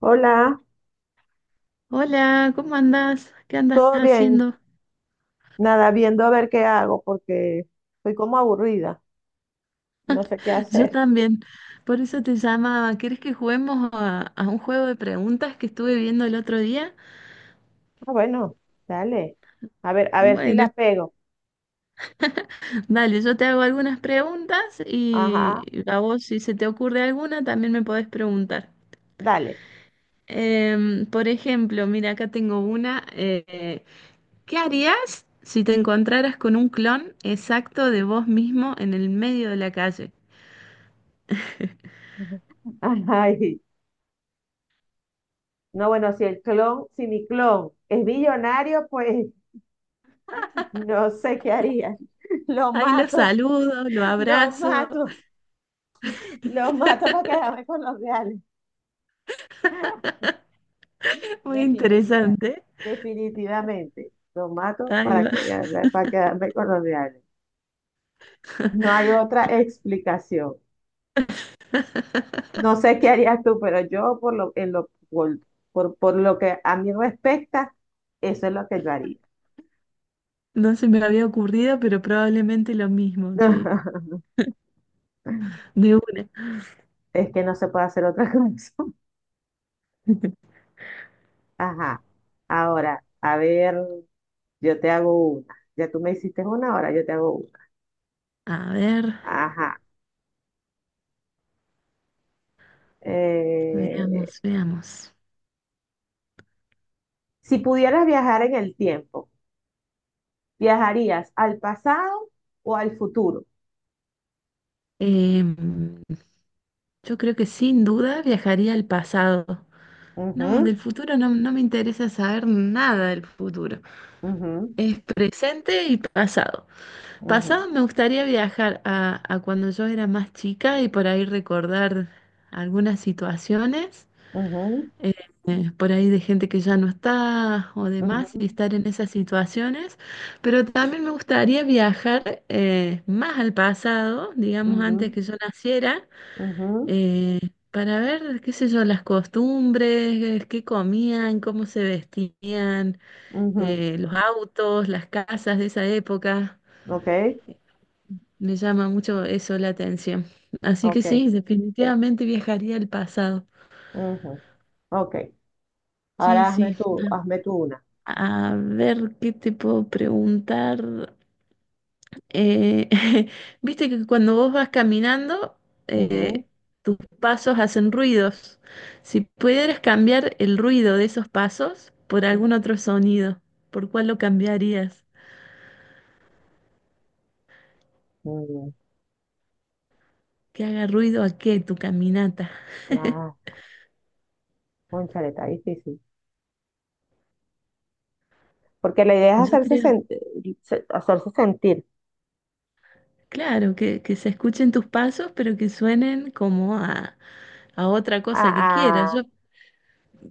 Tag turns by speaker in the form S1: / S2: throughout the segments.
S1: Hola,
S2: Hola, ¿cómo andás? ¿Qué andas
S1: ¿todo bien?
S2: haciendo?
S1: Nada, viendo a ver qué hago porque estoy como aburrida, no sé qué
S2: Yo
S1: hacer.
S2: también. Por eso te llamaba. ¿Quieres que juguemos a un juego de preguntas que estuve viendo el otro día?
S1: Ah, bueno, dale. A ver si
S2: Bueno,
S1: la pego.
S2: dale, yo te hago algunas preguntas y
S1: Ajá,
S2: a vos, si se te ocurre alguna, también me podés preguntar.
S1: dale.
S2: Por ejemplo, mira, acá tengo una. ¿Qué harías si te encontraras con un clon exacto de vos mismo en el medio de la calle?
S1: Ay, no, bueno, si mi clon es millonario, pues no sé qué haría. Lo
S2: Ahí lo
S1: mato,
S2: saludo, lo
S1: lo
S2: abrazo.
S1: mato, lo mato para quedarme con los reales.
S2: Muy
S1: Definitiva,
S2: interesante.
S1: Definitivamente. Lo mato
S2: Ahí va.
S1: para quedarme con los reales. No hay otra explicación. No sé qué harías tú, pero yo por lo, en lo, por lo que a mí respecta, eso es lo que yo haría.
S2: No se me había ocurrido, pero probablemente lo mismo, sí. De una.
S1: Es que no se puede hacer otra cosa. Ajá. Ahora, a ver, yo te hago una. Ya tú me hiciste una, ahora yo te hago una.
S2: A ver,
S1: Ajá. Eh,
S2: veamos, veamos.
S1: si pudieras viajar en el tiempo, ¿viajarías al pasado o al futuro?
S2: Em, yo creo que sin duda viajaría al pasado. No, del futuro no, no me interesa saber nada del futuro.
S1: Ujú, ujú,
S2: Es presente y pasado. Pasado me gustaría viajar a cuando yo era más chica y por ahí recordar algunas situaciones.
S1: ujú, ujú,
S2: eh, por ahí de gente que ya no está o demás y
S1: ujú,
S2: estar en esas situaciones, pero también me gustaría viajar más al pasado, digamos antes
S1: ujú,
S2: que yo naciera,
S1: ujú,
S2: eh, para ver, qué sé yo, las costumbres, qué comían, cómo se vestían,
S1: ujú.
S2: los autos, las casas de esa época.
S1: Ok,
S2: Me llama mucho eso la atención. Así que
S1: ok,
S2: sí, definitivamente viajaría al pasado.
S1: ujú, ok.
S2: Sí,
S1: Ahora
S2: sí.
S1: hazme tú una.
S2: A ver, ¿qué te puedo preguntar? Eh, Viste que cuando vos vas caminando,
S1: Ujú,
S2: eh, tus pasos hacen ruidos. Si pudieras cambiar el ruido de esos pasos por algún
S1: ujú.
S2: otro sonido, ¿por cuál lo cambiarías?
S1: Mm.
S2: ¿Que haga ruido a qué tu caminata?
S1: Ah, cónchale, está difícil. Porque la idea es
S2: Yo creo,
S1: hacerse sentir.
S2: claro, que se escuchen tus pasos, pero que suenen como a otra
S1: Ah,
S2: cosa que quieras. Yo
S1: ah,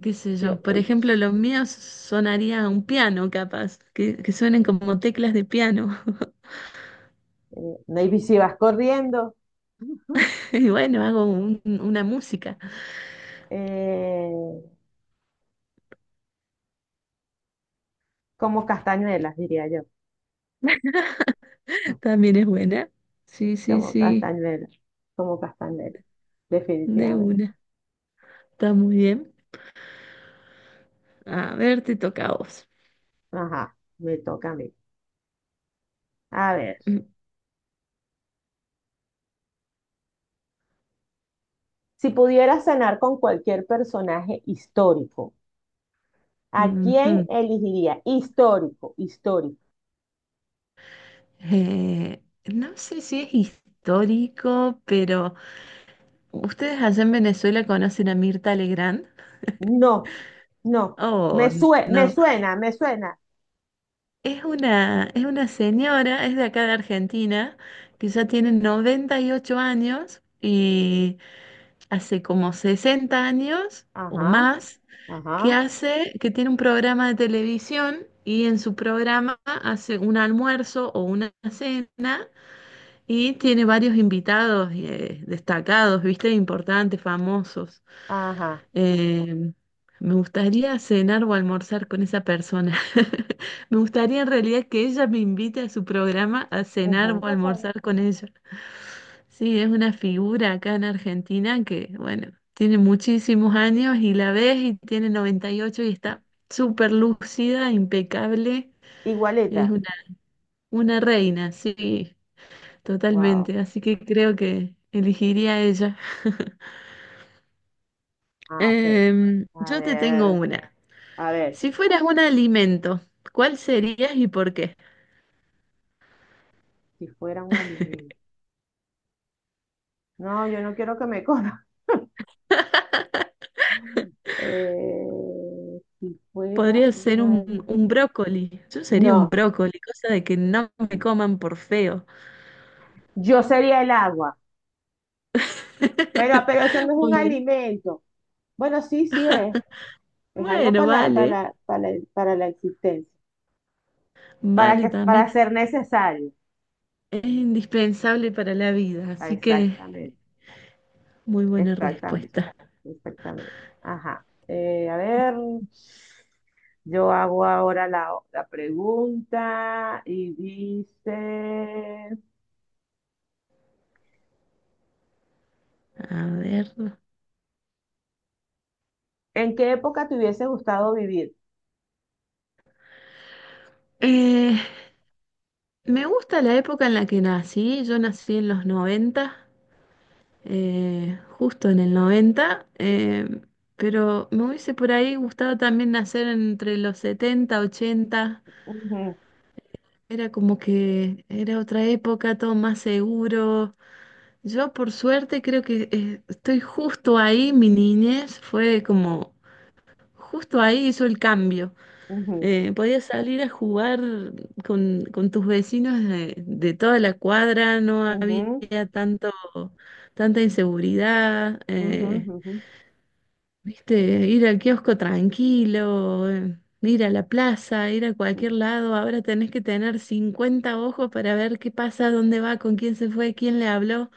S2: qué sé
S1: yo-
S2: yo. Por
S1: eh,
S2: ejemplo, los míos sonaría un piano, capaz, que suenen como teclas de piano.
S1: maybe si vas corriendo,
S2: Y bueno, hago una música.
S1: eh, como castañuelas, diría yo.
S2: También es buena. Sí, sí,
S1: Como
S2: sí,
S1: castañuelas, como castañuelas,
S2: de
S1: definitivamente.
S2: una. Está muy bien. A ver, te toca a vos.
S1: Ajá, me toca a mí. A ver.
S2: Mm,
S1: Si pudieras cenar con cualquier personaje histórico, ¿a quién
S2: ujú.
S1: elegiría? Histórico, histórico.
S2: No sé si es histórico, pero ¿ustedes allá en Venezuela conocen a Mirta Legrand?
S1: No, no.
S2: Oh,
S1: Me
S2: no.
S1: suena, me suena.
S2: Es una señora, es de acá de Argentina, que ya tiene 98 años y hace como 60 años o
S1: Ajá,
S2: más
S1: ajá,
S2: que tiene un programa de televisión y en su programa hace un almuerzo o una cena y tiene varios invitados destacados, ¿viste? Importantes, famosos.
S1: ajá.
S2: Eh, Me gustaría cenar o almorzar con esa persona. Me gustaría en realidad que ella me invite a su programa a cenar
S1: Ujú.
S2: o almorzar con ella. Sí, es una figura acá en Argentina que, bueno, tiene muchísimos años y la ves y tiene 98 y ocho y está súper lúcida, impecable. Es
S1: Igualita.
S2: una reina, sí,
S1: Wow.
S2: totalmente. Así que creo que elegiría a ella.
S1: Ah, ok. A
S2: Yo te tengo
S1: ver,
S2: una.
S1: a ver.
S2: Si fueras un alimento, ¿cuál serías y por qué?
S1: Si fuera un alimento. No, yo no quiero que me coma. Eh, si fuera
S2: Podría ser
S1: un
S2: un,
S1: alimento.
S2: un brócoli. Yo sería un
S1: No.
S2: brócoli, cosa de que no me coman por feo.
S1: Yo sería el agua. Pero, pero eso no es un
S2: Muy bien.
S1: alimento. Bueno, sí, sí es. Es algo
S2: Bueno, vale,
S1: para la existencia.
S2: vale también.
S1: Para ser necesario.
S2: Es indispensable para la vida,
S1: Ah,
S2: así que
S1: Exactamente.
S2: muy buena
S1: Exactamente.
S2: respuesta.
S1: Exactamente. Ajá. A ver, yo hago ahora la pregunta y dice,
S2: A ver.
S1: ¿en qué época te hubiese gustado vivir?
S2: Eh, Me gusta la época en la que nací. Yo nací en los 90. Justo en el 90, pero me hubiese por ahí gustado también nacer entre los 70 80.
S1: Ujú,
S2: Era como que era otra época, todo más seguro. Yo por suerte creo que estoy justo ahí, mi niñez fue como, justo ahí hizo el cambio.
S1: ujú,
S2: Podías salir a jugar con tus vecinos de toda la cuadra, no había
S1: ujú,
S2: tanto, tanta inseguridad.
S1: ujú, ujú,
S2: ¿Viste? Ir al kiosco tranquilo, ir a la plaza, ir a cualquier
S1: ujú.
S2: lado. Ahora tenés que tener 50 ojos para ver qué pasa, dónde va, con quién se fue, quién le habló.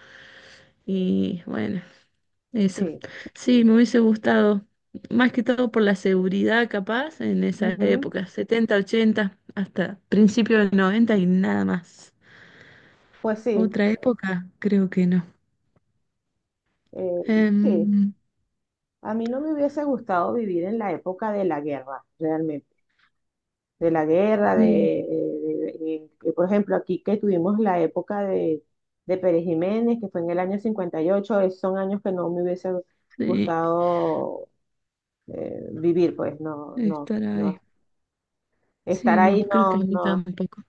S2: Y bueno, eso.
S1: Sí.
S2: Sí, me hubiese gustado. Más que todo por la seguridad, capaz, en esa
S1: Ujú.
S2: época, 70 80 hasta principio del 90 y nada más.
S1: Pues sí.
S2: Otra época, creo que no.
S1: eh, sí.
S2: Em,
S1: A mí no me hubiese gustado vivir en la época de la guerra, realmente, de la guerra,
S2: mm,
S1: por ejemplo, aquí que tuvimos la época de Pérez Jiménez, que fue en el año 58. Esos son años que no me hubiese
S2: sí,
S1: gustado vivir, pues no, no,
S2: estar ahí.
S1: no. Estar
S2: Sí, no,
S1: ahí
S2: creo que a
S1: no,
S2: mí
S1: no,
S2: tampoco.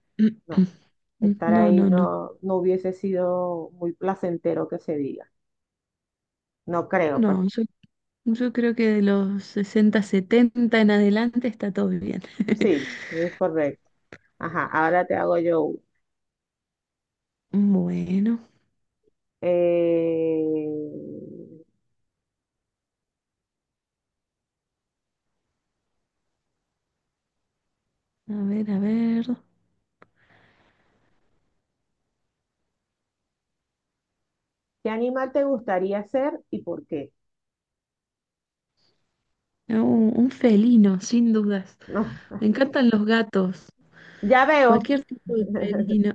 S1: no.
S2: Mm,
S1: Estar
S2: no,
S1: ahí
S2: no, no.
S1: no, no hubiese sido muy placentero que se diga. No creo, pues.
S2: No, yo creo que de los 60, 70 en adelante está todo bien.
S1: Sí, es correcto. Ajá, ahora te hago yo.
S2: Bueno,
S1: Eh,
S2: a ver, a ver.
S1: ¿Qué animal te gustaría ser y por qué?
S2: No, un felino, sin dudas.
S1: No,
S2: Me encantan los gatos.
S1: ya veo.
S2: Cualquier tipo de felino.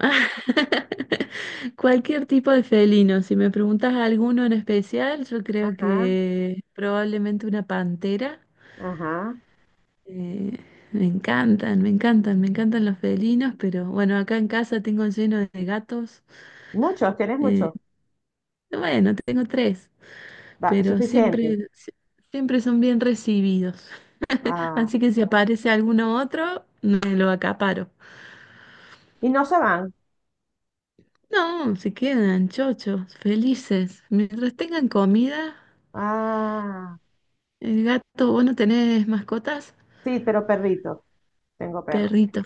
S2: Cualquier tipo de felino. Si me preguntas alguno en especial, yo creo
S1: Ajá,
S2: que probablemente una pantera.
S1: ajá.
S2: Eh, Me encantan, me encantan, me encantan los felinos, pero bueno, acá en casa tengo lleno de gatos.
S1: Muchos, tienes
S2: Eh,
S1: muchos.
S2: bueno, tengo tres,
S1: Va,
S2: pero
S1: suficiente.
S2: siempre son bien recibidos.
S1: Ah,
S2: Así que si aparece alguno otro, me lo acaparo.
S1: y no se van.
S2: No, se quedan chochos, felices. Mientras tengan comida,
S1: Ah,
S2: el gato, ¿vos no tenés mascotas?
S1: sí, pero perrito. Tengo perro.
S2: Perritos.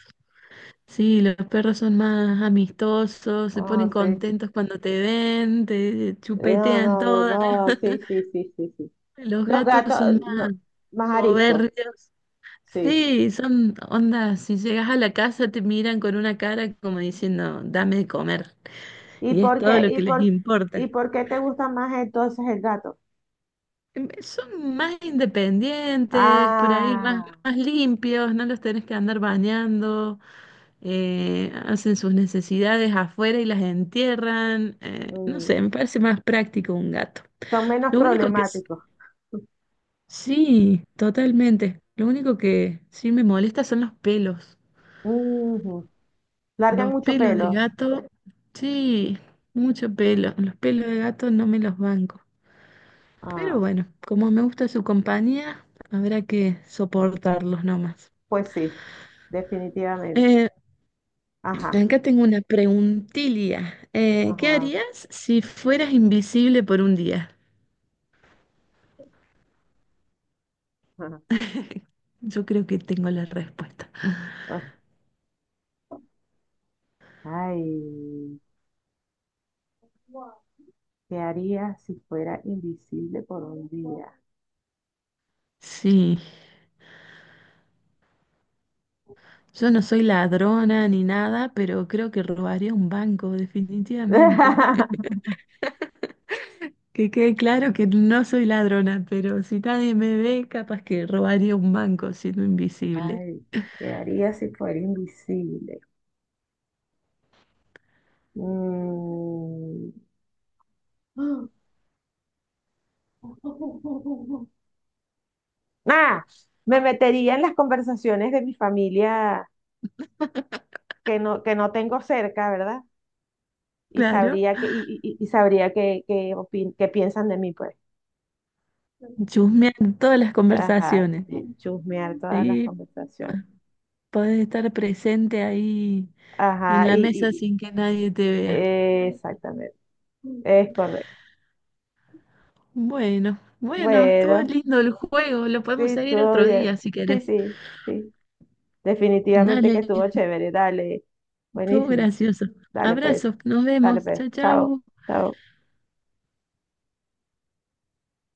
S2: Sí, los perros son más amistosos, se
S1: Ah,
S2: ponen
S1: sí.
S2: contentos cuando te ven, te
S1: No,
S2: chupetean
S1: no, no,
S2: todas.
S1: no. Sí, sí, sí, sí, sí.
S2: Los
S1: Los
S2: gatos
S1: gatos,
S2: son más
S1: no, más ariscos.
S2: soberbios.
S1: Sí.
S2: Sí, son ondas, si llegas a la casa te miran con una cara como diciendo, dame de comer,
S1: ¿Y
S2: y es
S1: por
S2: todo
S1: qué,
S2: lo
S1: y
S2: que les
S1: por,
S2: importa.
S1: y por qué te gusta más entonces el gato?
S2: Son más independientes, por ahí más,
S1: Ah,
S2: más limpios, no los tenés que andar bañando, hacen sus necesidades afuera y las entierran. No
S1: mm,
S2: sé, me parece más práctico un gato.
S1: Son menos
S2: Lo único que s-
S1: problemáticos.
S2: Sí, totalmente. Lo único que sí me molesta son los pelos.
S1: Ujú. Largan
S2: Los
S1: mucho
S2: pelos de
S1: pelo.
S2: gato, sí, mucho pelo. Los pelos de gato no me los banco. Pero
S1: Ah,
S2: bueno, como me gusta su compañía, habrá que soportarlos nomás.
S1: pues sí, definitivamente.
S2: Eh,
S1: Ajá,
S2: Acá tengo una preguntilla. ¿Qué
S1: ajá,
S2: harías si fueras invisible por un día?
S1: ajá.
S2: Yo creo que tengo la respuesta.
S1: Ah. Ay, ¿qué haría si fuera invisible por un día?
S2: Sí, yo no soy ladrona ni nada, pero creo que robaría un banco, definitivamente. Que quede claro que no soy ladrona, pero si nadie me ve, capaz que robaría un banco siendo invisible.
S1: Ay, ¿qué haría si fuera invisible? Mm. Ah, me metería en las conversaciones de mi familia que no tengo cerca, ¿verdad? Y
S2: Claro,
S1: sabría que, y sabría que, opin- que piensan de mí, pues.
S2: chusmean todas las
S1: Ajá,
S2: conversaciones.
S1: y chusmear todas las
S2: Sí, p-
S1: conversaciones.
S2: podés estar presente ahí en
S1: Ajá,
S2: la mesa sin que nadie te vea.
S1: exactamente. Es correcto.
S2: Bueno, bueno, estuvo
S1: Bueno,
S2: lindo el juego. Lo
S1: sí,
S2: podemos seguir
S1: estuvo
S2: otro
S1: bien.
S2: día si
S1: Sí,
S2: querés.
S1: sí, sí. Definitivamente que
S2: Dale,
S1: estuvo chévere. Dale.
S2: estuvo
S1: Buenísimo.
S2: gracioso.
S1: Dale, pues.
S2: Abrazos, nos
S1: Dale,
S2: vemos.
S1: pues.
S2: Chao,
S1: Chao.
S2: chao.
S1: Chao.